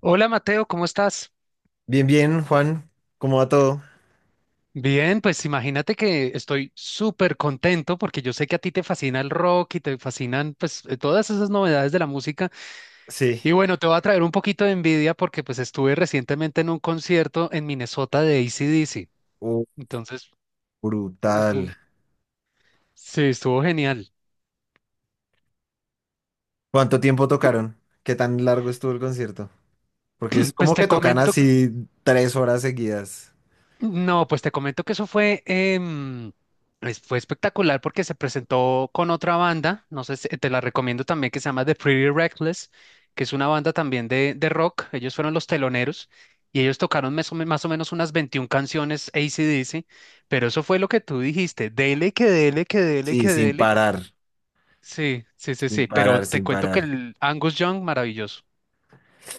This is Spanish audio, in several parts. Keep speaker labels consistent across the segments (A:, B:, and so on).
A: Hola Mateo, ¿cómo estás?
B: Bien, bien, Juan. ¿Cómo va todo?
A: Bien, pues imagínate que estoy súper contento porque yo sé que a ti te fascina el rock y te fascinan pues todas esas novedades de la música.
B: Sí.
A: Y bueno, te voy a traer un poquito de envidia porque pues estuve recientemente en un concierto en Minnesota de AC/DC.
B: Uh,
A: Entonces,
B: brutal.
A: estuvo, sí, estuvo genial.
B: ¿Cuánto tiempo tocaron? ¿Qué tan largo estuvo el concierto? Porque es
A: Pues
B: como
A: te
B: que tocan
A: comento
B: así 3 horas seguidas.
A: No, pues te comento que eso fue, fue espectacular porque se presentó con otra banda, no sé te la recomiendo también, que se llama The Pretty Reckless, que es una banda también de rock, ellos fueron los teloneros y ellos tocaron más o menos unas 21 canciones AC/DC, pero eso fue lo que tú dijiste, dele, que dele, que dele,
B: Sí,
A: que
B: sin
A: dele.
B: parar.
A: Sí, sí, sí,
B: Sin
A: sí, pero
B: parar,
A: te
B: sin
A: cuento que
B: parar.
A: el Angus Young, maravilloso.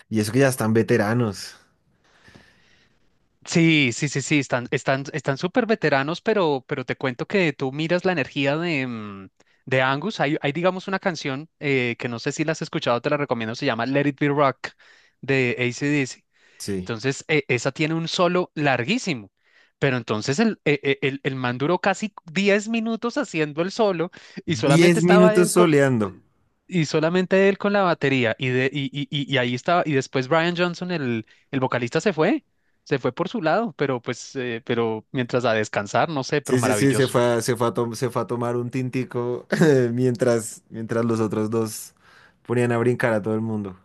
B: Y eso que ya están veteranos.
A: Sí, sí, sí, sí, están, están, están súper veteranos, pero te cuento que tú miras la energía de Angus. Hay, digamos, una canción que no sé si la has escuchado, te la recomiendo, se llama Let It Be Rock de AC/DC.
B: Sí.
A: Entonces, esa tiene un solo larguísimo, pero entonces el, e- e- el man duró casi 10 minutos haciendo el solo y solamente
B: Diez
A: estaba
B: minutos
A: él
B: soleando.
A: y solamente él con la batería. Y, de, y ahí estaba. Y después Brian Johnson, el vocalista, se fue. Se fue por su lado, pero pues, pero mientras a descansar, no sé, pero
B: Sí, sí, sí,
A: maravilloso.
B: se fue a tomar un tintico mientras los otros dos ponían a brincar a todo el mundo.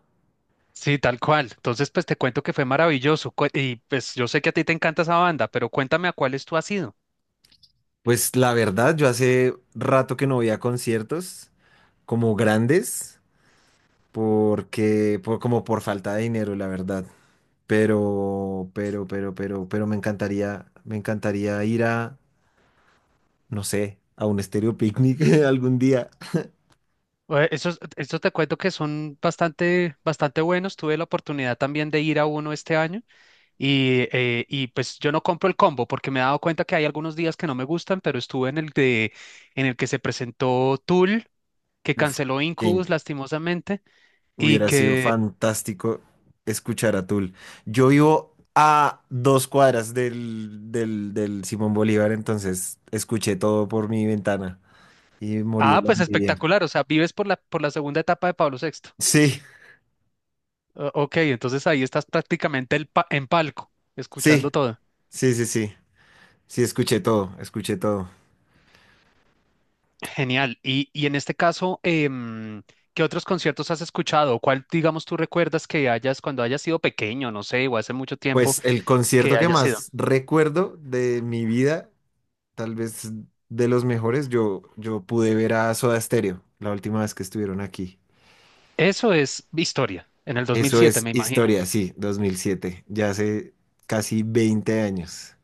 A: Sí, tal cual. Entonces, pues te cuento que fue maravilloso. Y pues yo sé que a ti te encanta esa banda, pero cuéntame a cuáles tú has ido.
B: Pues la verdad, yo hace rato que no voy a conciertos como grandes, porque, como por falta de dinero, la verdad. Pero me encantaría ir no sé, a un estéreo picnic algún día.
A: Esos te cuento que son bastante, bastante buenos. Tuve la oportunidad también de ir a uno este año. Y pues yo no compro el combo porque me he dado cuenta que hay algunos días que no me gustan, pero estuve en el que se presentó Tool, que
B: Uf,
A: canceló
B: que
A: Incubus lastimosamente, y
B: hubiera sido fantástico escuchar a Tool. Yo vivo a 2 cuadras del Simón Bolívar, entonces escuché todo por mi ventana y morí de
A: ah,
B: la
A: pues
B: envidia.
A: espectacular, o sea, vives por la segunda etapa de Pablo VI.
B: Sí,
A: Ok, entonces ahí estás prácticamente en palco,
B: sí,
A: escuchando todo.
B: sí, sí, sí. Sí, escuché todo, escuché todo.
A: Genial. Y en este caso, ¿qué otros conciertos has escuchado? ¿Cuál, digamos, tú recuerdas que hayas, cuando hayas sido pequeño, no sé, o hace mucho tiempo
B: Pues el
A: que
B: concierto que
A: hayas sido?
B: más recuerdo de mi vida, tal vez de los mejores, yo pude ver a Soda Stereo la última vez que estuvieron aquí.
A: Eso es historia, en el
B: Eso
A: 2007,
B: es
A: me imagino.
B: historia, sí, 2007, ya hace casi 20 años.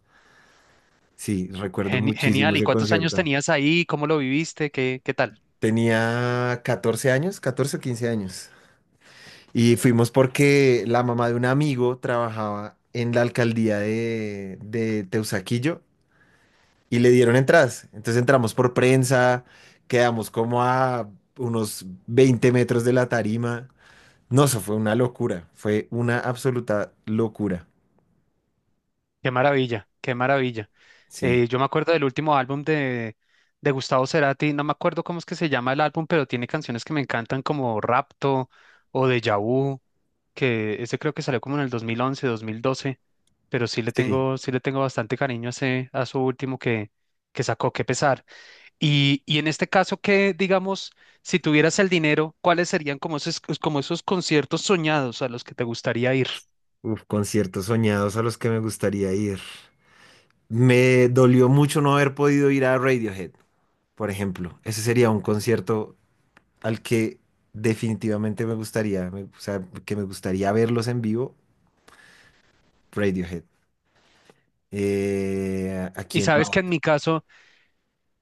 B: Sí, recuerdo muchísimo
A: Genial. ¿Y
B: ese
A: cuántos años
B: concierto.
A: tenías ahí? ¿Cómo lo viviste? ¿Qué tal?
B: Tenía 14 años, 14 o 15 años. Y fuimos porque la mamá de un amigo trabajaba en la alcaldía de Teusaquillo y le dieron entradas. Entonces entramos por prensa, quedamos como a unos 20 metros de la tarima. No, eso fue una locura, fue una absoluta locura.
A: Qué maravilla, qué maravilla.
B: Sí,
A: Yo me acuerdo del último álbum de Gustavo Cerati, no me acuerdo cómo es que se llama el álbum, pero tiene canciones que me encantan como Rapto o Deja Vu, que ese creo que salió como en el 2011, 2012, pero sí le
B: sí.
A: tengo, sí le tengo bastante cariño a su último que sacó. Qué pesar. Y en este caso, que digamos, si tuvieras el dinero, ¿cuáles serían como esos conciertos soñados a los que te gustaría ir?
B: Uf, conciertos soñados a los que me gustaría ir. Me dolió mucho no haber podido ir a Radiohead, por ejemplo. Ese sería un concierto al que definitivamente o sea, que me gustaría verlos en vivo, Radiohead. ¿A
A: Y
B: quién
A: sabes
B: más?
A: que en mi caso,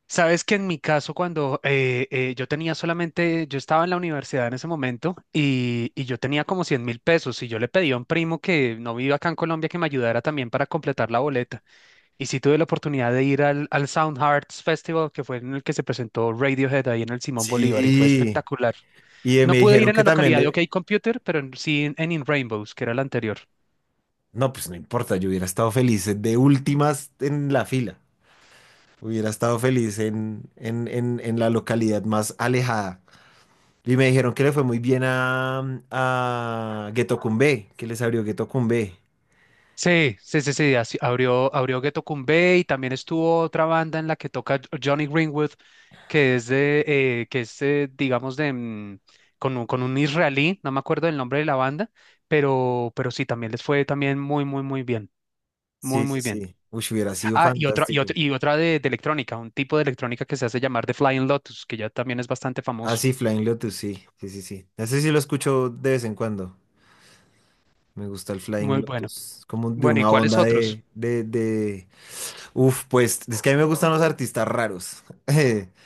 A: sabes que en mi caso, cuando yo estaba en la universidad en ese momento y yo tenía como 100.000 pesos y yo le pedí a un primo que no vive acá en Colombia que me ayudara también para completar la boleta. Y sí tuve la oportunidad de ir al Sound Hearts Festival, que fue en el que se presentó Radiohead ahí en el Simón Bolívar y fue
B: Sí,
A: espectacular.
B: Y me
A: No pude ir
B: dijeron
A: en
B: que
A: la
B: también
A: localidad de OK
B: le.
A: Computer, pero sí en In Rainbows, que era la anterior.
B: No, pues no importa, yo hubiera estado feliz de últimas en la fila. Hubiera estado feliz en la localidad más alejada. Y me dijeron que le fue muy bien a Getocumbé, que les abrió Getocumbé.
A: Sí, sí, sí, sí, abrió Ghetto Kumbé y también estuvo otra banda en la que toca Johnny Greenwood, que es, digamos, de, mm, con un israelí, no me acuerdo del nombre de la banda, pero sí, también les fue también muy, muy, muy bien, muy,
B: Sí, sí,
A: muy bien.
B: sí. Uy, hubiera sido
A: Ah,
B: fantástico.
A: y otra de electrónica, un tipo de electrónica que se hace llamar The Flying Lotus, que ya también es bastante
B: Ah,
A: famoso.
B: sí, Flying Lotus, sí, sí, sí, sí. Ese sí lo escucho de vez en cuando. Me gusta el Flying
A: Muy bueno.
B: Lotus, como de
A: Bueno, ¿y
B: una
A: cuáles
B: onda
A: otros?
B: de. Uf, pues es que a mí me gustan los artistas raros.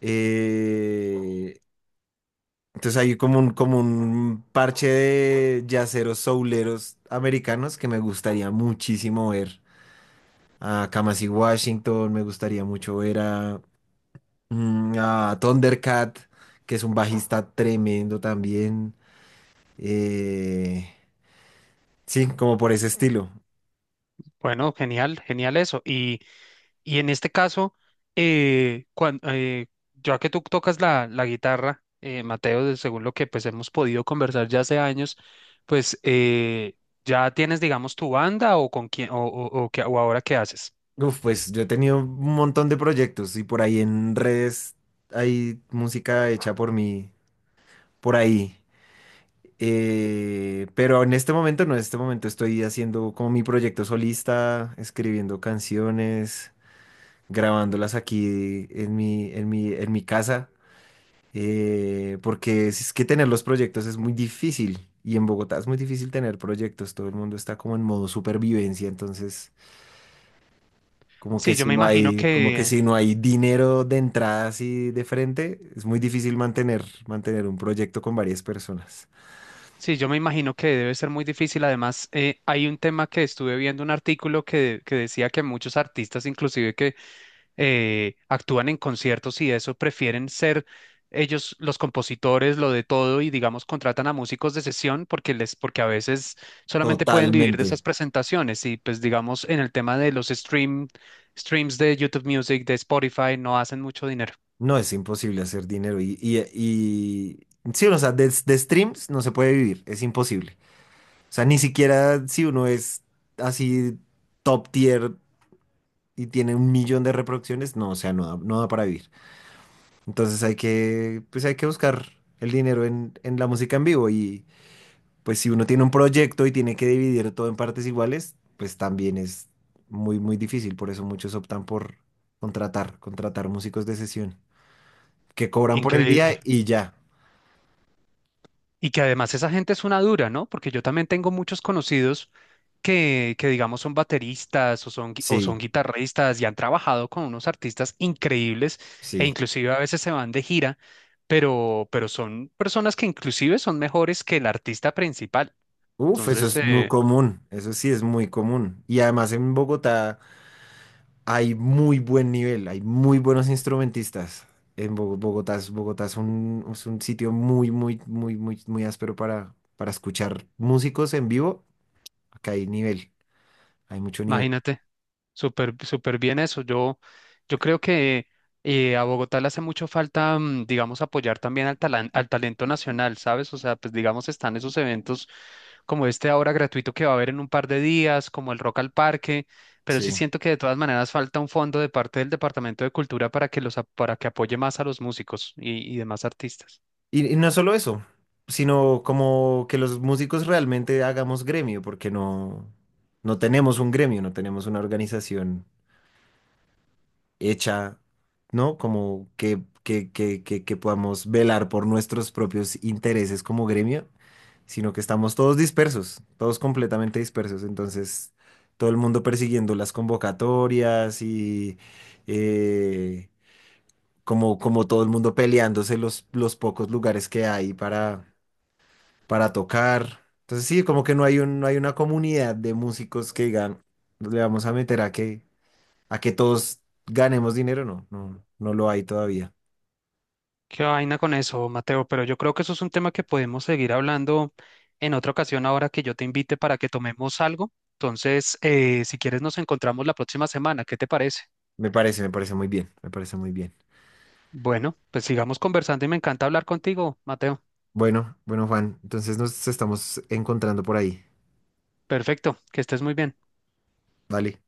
B: Eh, entonces hay como un parche de yaceros souleros americanos que me gustaría muchísimo ver. A Kamasi Washington, me gustaría mucho ver a Thundercat, que es un bajista tremendo también. Eh, sí, como por ese estilo.
A: Bueno, genial, genial eso. Y en este caso, eh, cuan- eh, ya que tú tocas la guitarra, Mateo, según lo que pues hemos podido conversar ya hace años, pues ya tienes, digamos, tu banda o con quién o ahora qué haces.
B: Uf, pues yo he tenido un montón de proyectos y por ahí en redes hay música hecha por mí, por ahí. Pero en este momento no, en este momento estoy haciendo como mi proyecto solista, escribiendo canciones, grabándolas aquí en mi casa, porque es que tener los proyectos es muy difícil y en Bogotá es muy difícil tener proyectos, todo el mundo está como en modo supervivencia, entonces
A: Sí, yo me imagino
B: como que
A: que,
B: si no hay dinero de entrada así de frente, es muy difícil mantener, mantener un proyecto con varias personas.
A: sí, yo me imagino que debe ser muy difícil. Además, hay un tema que estuve viendo un artículo que decía que muchos artistas, inclusive que actúan en conciertos y eso, prefieren ser ellos los compositores, lo de todo, y digamos, contratan a músicos de sesión porque porque a veces solamente pueden vivir de
B: Totalmente.
A: esas presentaciones. Y pues digamos, en el tema de los streams de YouTube Music, de Spotify, no hacen mucho dinero.
B: No, es imposible hacer dinero. Sí, o sea, de streams no se puede vivir, es imposible. O sea, ni siquiera si uno es así top tier y tiene un millón de reproducciones, no, o sea, no da, no da para vivir. Entonces pues hay que buscar el dinero en la música en vivo. Y pues si uno tiene un proyecto y tiene que dividir todo en partes iguales, pues también es muy, muy difícil. Por eso muchos optan por contratar, contratar músicos de sesión que cobran por el
A: Increíble.
B: día y ya.
A: Y que además esa gente es una dura, ¿no? Porque yo también tengo muchos conocidos que digamos son bateristas o son
B: Sí,
A: guitarristas y han trabajado con unos artistas increíbles e
B: sí.
A: inclusive a veces se van de gira, pero son personas que inclusive son mejores que el artista principal.
B: Uf, eso
A: Entonces,
B: es muy común, eso sí es muy común. Y además en Bogotá hay muy buen nivel, hay muy buenos instrumentistas. En Bo- Bogotá es un sitio muy, muy, muy, muy, muy áspero para escuchar músicos en vivo. Acá hay nivel, hay mucho nivel.
A: imagínate. Súper, súper bien eso. Yo creo que a Bogotá le hace mucho falta, digamos, apoyar también al talento nacional, ¿sabes? O sea, pues digamos, están esos eventos como este ahora gratuito que va a haber en un par de días, como el Rock al Parque, pero sí
B: Sí.
A: siento que de todas maneras falta un fondo de parte del Departamento de Cultura para que para que apoye más a los músicos y demás artistas.
B: Y no solo eso, sino como que los músicos realmente hagamos gremio, porque no tenemos un gremio, no tenemos una organización hecha, ¿no? Como que podamos velar por nuestros propios intereses como gremio, sino que estamos todos dispersos, todos completamente dispersos. Entonces, todo el mundo persiguiendo las convocatorias y eh, como todo el mundo peleándose los pocos lugares que hay para tocar. Entonces, sí, como que no hay un, no hay una comunidad de músicos que digan, le vamos a meter a qué a que todos ganemos dinero, no, no, no lo hay todavía.
A: Qué vaina con eso, Mateo, pero yo creo que eso es un tema que podemos seguir hablando en otra ocasión ahora que yo te invite para que tomemos algo. Entonces, si quieres, nos encontramos la próxima semana. ¿Qué te parece?
B: Me parece muy bien, me parece muy bien.
A: Bueno, pues sigamos conversando y me encanta hablar contigo, Mateo.
B: Bueno, bueno, Juan, entonces nos estamos encontrando por ahí.
A: Perfecto, que estés muy bien.
B: Vale.